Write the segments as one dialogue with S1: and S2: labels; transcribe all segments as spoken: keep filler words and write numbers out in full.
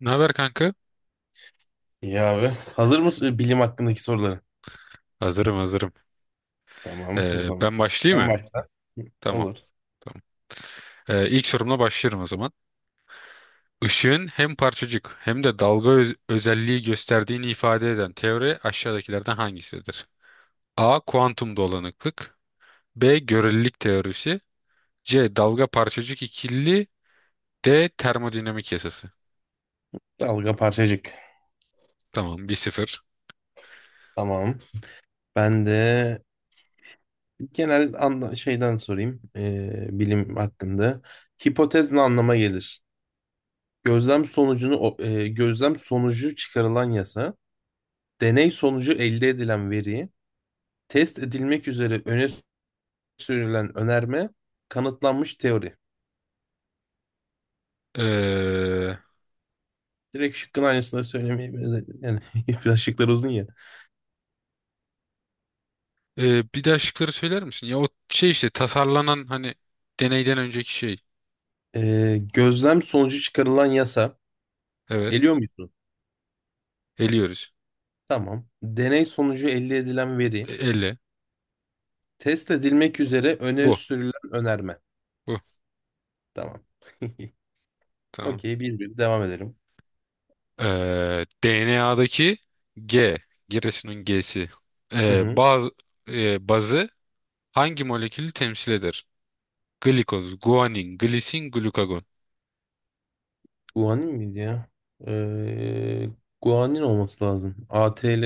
S1: Ne haber kanka?
S2: İyi abi. Hazır mısın e, bilim hakkındaki soruları?
S1: Hazırım hazırım.
S2: Tamam o
S1: Ee,
S2: zaman.
S1: ben başlayayım
S2: Sen
S1: mı?
S2: başla.
S1: Tamam
S2: Olur.
S1: tamam. Ee, ilk sorumla başlıyorum o zaman. Işığın hem parçacık hem de dalga öz- özelliği gösterdiğini ifade eden teori aşağıdakilerden hangisidir? A. Kuantum dolanıklık, B. Görelilik teorisi, C. Dalga parçacık ikili, D. Termodinamik yasası.
S2: Dalga parçacık.
S1: Tamam, bir sıfır.
S2: Tamam. Ben de genel anla şeyden sorayım. Ee, bilim hakkında. Hipotez ne anlama gelir? Gözlem sonucunu o- e, gözlem sonucu çıkarılan yasa, deney sonucu elde edilen veri, test edilmek üzere öne sürülen önerme, kanıtlanmış teori.
S1: Ee,
S2: Direkt şıkkın aynısını söylemeye yani, biraz şıklar uzun ya.
S1: e, Bir daha şıkları söyler misin? Ya o şey işte tasarlanan hani deneyden önceki şey.
S2: Ee, gözlem sonucu çıkarılan yasa.
S1: Evet.
S2: Eliyor musun?
S1: Eliyoruz.
S2: Tamam. Deney sonucu elde edilen veri.
S1: E, elle.
S2: Test edilmek üzere öne
S1: Bu.
S2: sürülen önerme.
S1: Bu.
S2: Tamam.
S1: Tamam.
S2: Okey, bir bir devam edelim.
S1: Ee, D N A'daki G, Giresun'un G'si.
S2: Hı
S1: Ee,
S2: hı.
S1: baz, e, bazı hangi molekülü temsil eder? Glikoz, guanin, glisin, glukagon.
S2: Guanin miydi ya? Ee, Guanin olması lazım. A ATL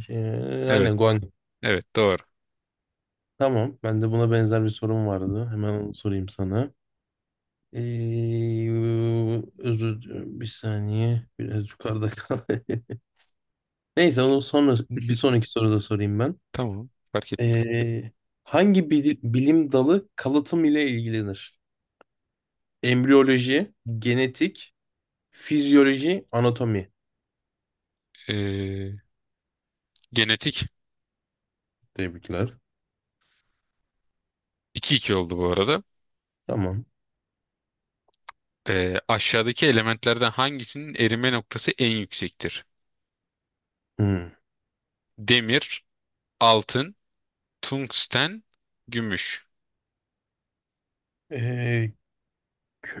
S2: şey,
S1: Evet.
S2: aynen guanin.
S1: Evet doğru.
S2: Tamam. Ben de buna benzer bir sorum vardı. Hemen onu sorayım sana. Ee, Özür, bir saniye. Biraz yukarıda kal. Neyse, onu sonra bir sonraki soruda sorayım ben.
S1: Tamam. Fark etmez.
S2: Ee, Hangi bili- bilim dalı kalıtım ile ilgilenir? Embriyoloji, genetik, fizyoloji, anatomi.
S1: Ee, genetik.
S2: Tebrikler.
S1: iki iki oldu bu arada.
S2: Tamam.
S1: Ee, aşağıdaki elementlerden hangisinin erime noktası en yüksektir?
S2: Hmm.
S1: Demir, altın, tungsten, gümüş.
S2: Ee,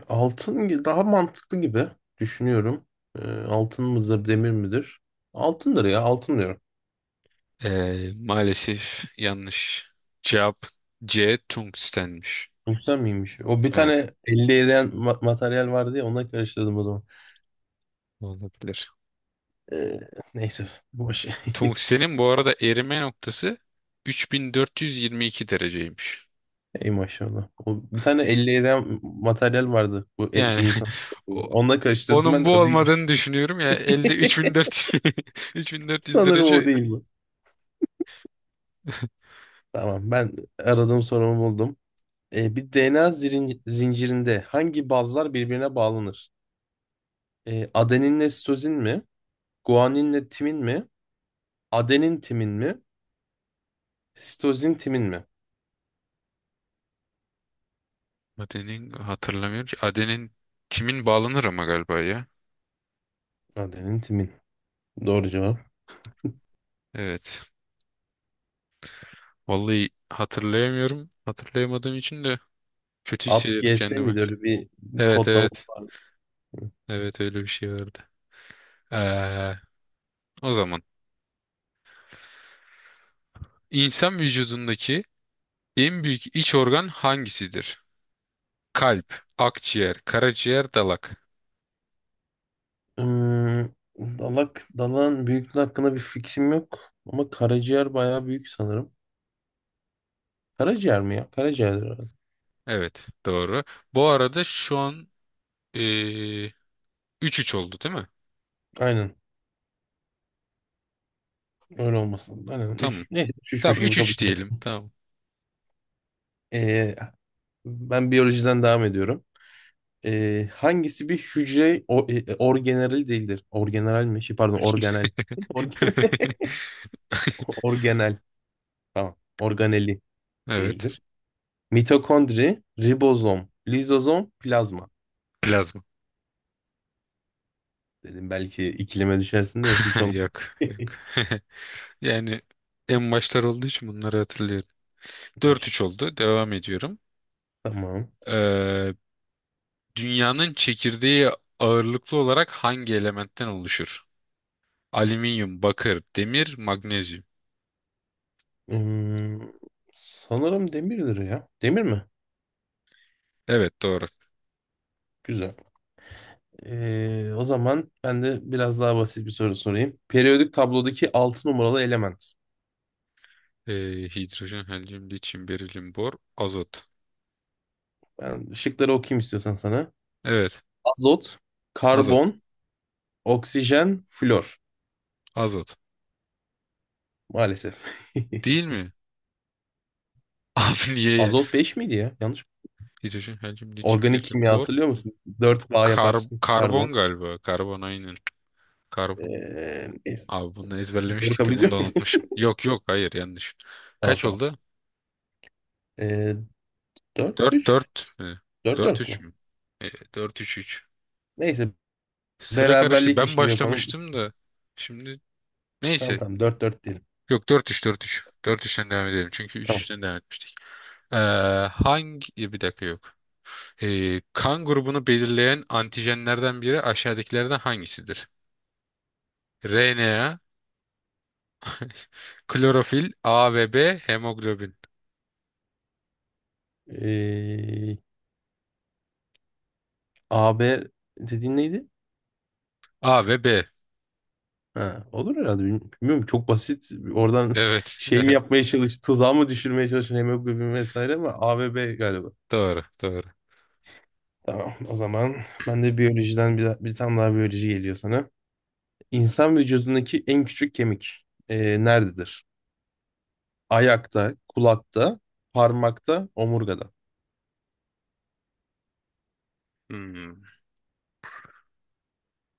S2: Altın gi- daha mantıklı gibi düşünüyorum. Ee, altın mıdır, demir midir? Altındır ya, altın diyorum.
S1: Ee, maalesef yanlış. Cevap C. Tungstenmiş.
S2: Güzel miymiş? O bir
S1: Evet,
S2: tane elli eriyen ma- materyal vardı ya, ona karıştırdım o zaman.
S1: olabilir.
S2: Ee, Neyse, boş.
S1: Tungstenin bu arada erime noktası üç bin dört yüz yirmi iki dereceymiş.
S2: Ey maşallah. O, bir tane elli eden materyal vardı bu e-
S1: Yani
S2: şey insan.
S1: o-
S2: Onunla karıştırdım
S1: onun
S2: ben de,
S1: bu
S2: o değilmiş.
S1: olmadığını düşünüyorum ya elde üç bin dört yüz üç bin dört yüz
S2: Sanırım o
S1: derece.
S2: değil bu. Tamam, ben aradığım sorumu buldum. E, bir D N A zirin- zincirinde hangi bazlar birbirine bağlanır? E, adeninle sitozin mi? Guaninle timin mi? Adenin timin mi? Sitozin timin mi?
S1: Adenin hatırlamıyorum ki. Adenin timin bağlanır ama galiba ya.
S2: Adenin timin. Doğru cevap.
S1: Evet. Vallahi hatırlayamıyorum. Hatırlayamadığım için de kötü
S2: At
S1: hissediyorum
S2: gelse
S1: kendimi.
S2: miydi öyle bir
S1: Evet
S2: kodlama?
S1: evet. Evet, öyle bir şey vardı. Ee, O zaman insan vücudundaki en büyük iç organ hangisidir? Kalp, akciğer, karaciğer, dalak.
S2: Ee, Dalak, dalağın büyüklüğü hakkında bir fikrim yok. Ama karaciğer bayağı büyük sanırım. Karaciğer mi ya? Karaciğerdir herhalde.
S1: Evet doğru. Bu arada şu an ee, üç 3 oldu değil mi?
S2: Aynen. Öyle olmasın. Aynen.
S1: Tamam.
S2: Üç, neyse üç, üçmüş
S1: Tamam,
S2: gibi
S1: üç
S2: kabul
S1: üç
S2: edelim.
S1: diyelim. Tamam.
S2: Ee, Ben biyolojiden devam ediyorum. Ee, hangisi bir hücre o, e, orgeneral değildir? Orgeneral mi? Şey, pardon, organel. Organel. Organel. Tamam. Organeli
S1: Evet.
S2: değildir. Mitokondri, ribozom, lizozom, plazma.
S1: Plazma.
S2: Dedim belki ikileme düşersin de hiç olmadı.
S1: Yok yok. Yani en başlar olduğu için bunları hatırlıyorum. Dört
S2: Baş-
S1: üç oldu. Devam ediyorum.
S2: Tamam.
S1: Ee, Dünyanın çekirdeği ağırlıklı olarak hangi elementten oluşur? Alüminyum, bakır, demir, magnezyum.
S2: Hmm, sanırım demirdir ya. Demir mi?
S1: Evet doğru.
S2: Güzel. Ee, o zaman ben de biraz daha basit bir soru sorayım. Periyodik tablodaki altı numaralı element.
S1: Ee, hidrojen, helyum, lityum, berilyum, bor, azot.
S2: Ben şıkları okuyayım istiyorsan sana.
S1: Evet,
S2: Azot,
S1: azot.
S2: karbon, oksijen, flor.
S1: Azot.
S2: Maalesef.
S1: Değil mi? Abi niye ya?
S2: Azot beş miydi ya? Yanlış.
S1: Hidrojen, helyum, lityum,
S2: Organik
S1: berilyum,
S2: kimya
S1: bor.
S2: hatırlıyor musun? Dört bağ
S1: Kar-
S2: yapar karbon.
S1: karbon galiba. Karbon aynen. Karbon.
S2: Ee, neyse.
S1: Abi bunu
S2: Doğru
S1: ezberlemiştik
S2: kabul
S1: de bunu
S2: ediyor
S1: da
S2: muyuz?
S1: unutmuşum. Yok yok, hayır yanlış.
S2: Tamam,
S1: Kaç
S2: tamam.
S1: oldu?
S2: Ee, Dört
S1: Dört,
S2: üç,
S1: dört, mi?
S2: dört dört
S1: dört üç
S2: mü?
S1: mü? Ee, dört üç.
S2: Neyse,
S1: Sıra karıştı.
S2: beraberlikmiş
S1: Ben
S2: gibi yapalım.
S1: başlamıştım da. Şimdi
S2: Tamam,
S1: neyse.
S2: tamam, dört dört diyelim.
S1: Yok, dört üç dört üç dört üçten devam edelim. Çünkü
S2: Tamam.
S1: üç üçten devam etmiştik. Ee, hangi... Bir dakika yok. Ee, kan grubunu belirleyen antijenlerden biri aşağıdakilerden hangisidir? R N A, klorofil, A ve B, hemoglobin.
S2: Ee, A B dediğin neydi?
S1: A ve B.
S2: Ha, olur herhalde. Bilmiyorum, bilmiyorum, çok basit. Oradan
S1: Evet.
S2: şey mi
S1: Evet.
S2: yapmaya çalış, tuzağı mı düşürmeye çalışan hemoglobin vesaire, ama A ve B galiba.
S1: Doğru. Doğru.
S2: Tamam, o zaman ben de biyolojiden bir, bir tane daha biyoloji geliyor sana. İnsan vücudundaki en küçük kemik ee, nerededir? Ayakta, kulakta, parmakta, omurgada.
S1: Hmm.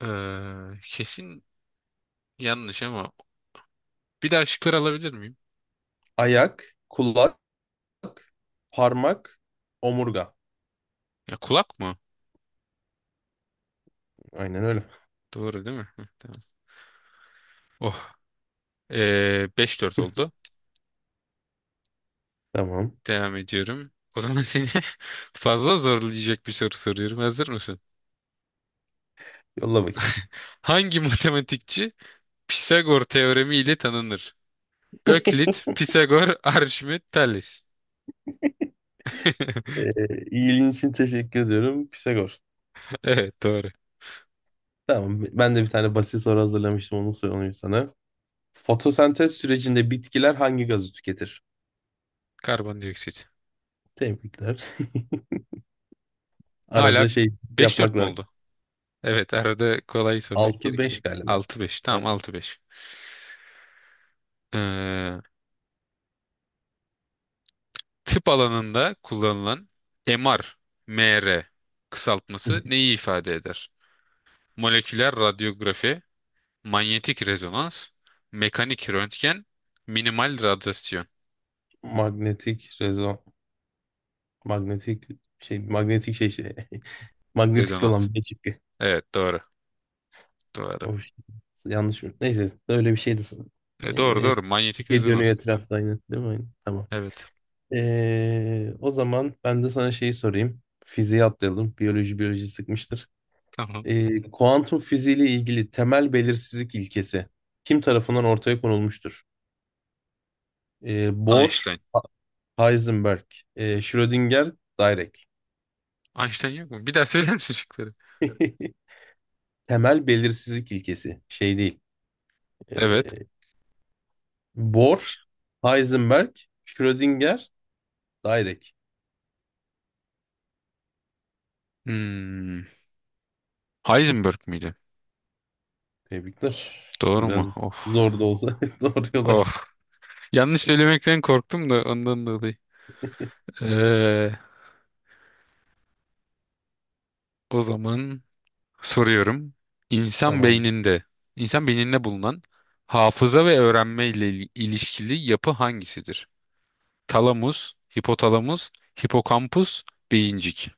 S1: Ee, kesin yanlış ama bir daha şıklar alabilir miyim?
S2: Ayak, kulak, parmak, omurga.
S1: Ya kulak mı?
S2: Aynen öyle.
S1: Doğru değil mi? Hı, tamam. Oh. Ee, beş dört oldu.
S2: Tamam.
S1: Devam ediyorum. O zaman seni fazla zorlayacak bir soru soruyorum. Hazır mısın?
S2: Yolla bakayım.
S1: Hangi matematikçi Pisagor teoremi ile tanınır? Öklit, Pisagor, Arşimet, Thales.
S2: Ee, ilgin için teşekkür ediyorum. Pisagor.
S1: Evet doğru.
S2: Tamam. Ben de bir tane basit soru hazırlamıştım. Onu sorayım sana. Fotosentez sürecinde bitkiler hangi gazı tüketir?
S1: Karbondioksit.
S2: Tebrikler.
S1: Hala
S2: Arada şey
S1: beş
S2: yapmak
S1: dört mü
S2: lazım.
S1: oldu? Evet, arada kolay sormak
S2: Altı
S1: gerekiyor.
S2: beş galiba.
S1: Altı beş. Tamam,
S2: Evet.
S1: altı beş. Ee, Tıp alanında kullanılan MR, M R kısaltması neyi ifade eder? Moleküler radyografi, manyetik rezonans, mekanik röntgen, minimal radyasyon
S2: Magnetik rezon. Magnetik şey. Magnetik şey şey. Magnetikli
S1: rezonans.
S2: olan bir çıktı.
S1: Evet doğru. Doğru.
S2: O şey. Yanlış mı? Neyse. Öyle bir şeydi sanırım.
S1: E, doğru
S2: Ee,
S1: doğru. Manyetik
S2: Şey dönüyor
S1: rezonans.
S2: etrafta aynı. Değil mi? Aynen. Tamam.
S1: Evet.
S2: Ee, o zaman ben de sana şeyi sorayım. Fiziğe atlayalım. Biyoloji biyoloji sıkmıştır.
S1: Tamam.
S2: Ee, kuantum fiziği ile ilgili temel belirsizlik ilkesi kim tarafından ortaya konulmuştur? Ee, Bohr,
S1: Einstein.
S2: Ha- Heisenberg, ee, Schrödinger, Dirac.
S1: Einstein yok mu? Bir daha söyler misin şıkları?
S2: Temel belirsizlik ilkesi şey değil.
S1: Evet.
S2: Ee, Bohr, Heisenberg, Schrödinger, Dirac.
S1: Hmm. Heisenberg miydi?
S2: Tebrikler.
S1: Doğru
S2: Biraz
S1: mu? Of.
S2: zor da olsa doğru yol açtık.
S1: Of. Yanlış söylemekten korktum da ondan dolayı. Ee, o zaman soruyorum. İnsan
S2: Tamam.
S1: beyninde, insan beyninde bulunan hafıza ve öğrenme ile il- ilişkili yapı hangisidir? Talamus, hipotalamus, hipokampus, beyincik.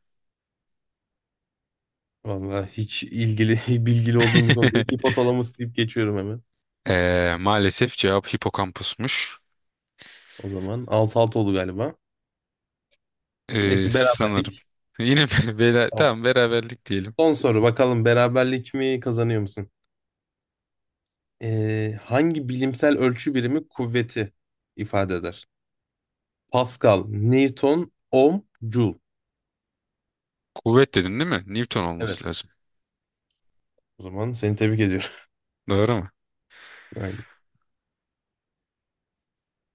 S2: Vallahi hiç ilgili bilgili olduğum bir konu değil. Hipotalamus deyip geçiyorum hemen.
S1: Ee, maalesef cevap hipokampusmuş.
S2: O zaman altı altı oldu galiba.
S1: Ee,
S2: Neyse,
S1: sanırım.
S2: beraberlik.
S1: Yine mi? Bela-
S2: Tamam.
S1: Tamam, beraberlik diyelim.
S2: Son soru, bakalım beraberlik mi kazanıyor musun? Ee, hangi bilimsel ölçü birimi kuvveti ifade eder? Pascal, Newton, ohm, joule.
S1: Kuvvet dedin değil mi? Newton
S2: Evet.
S1: olması lazım.
S2: O zaman seni tebrik ediyorum.
S1: Doğru mu?
S2: Aynen.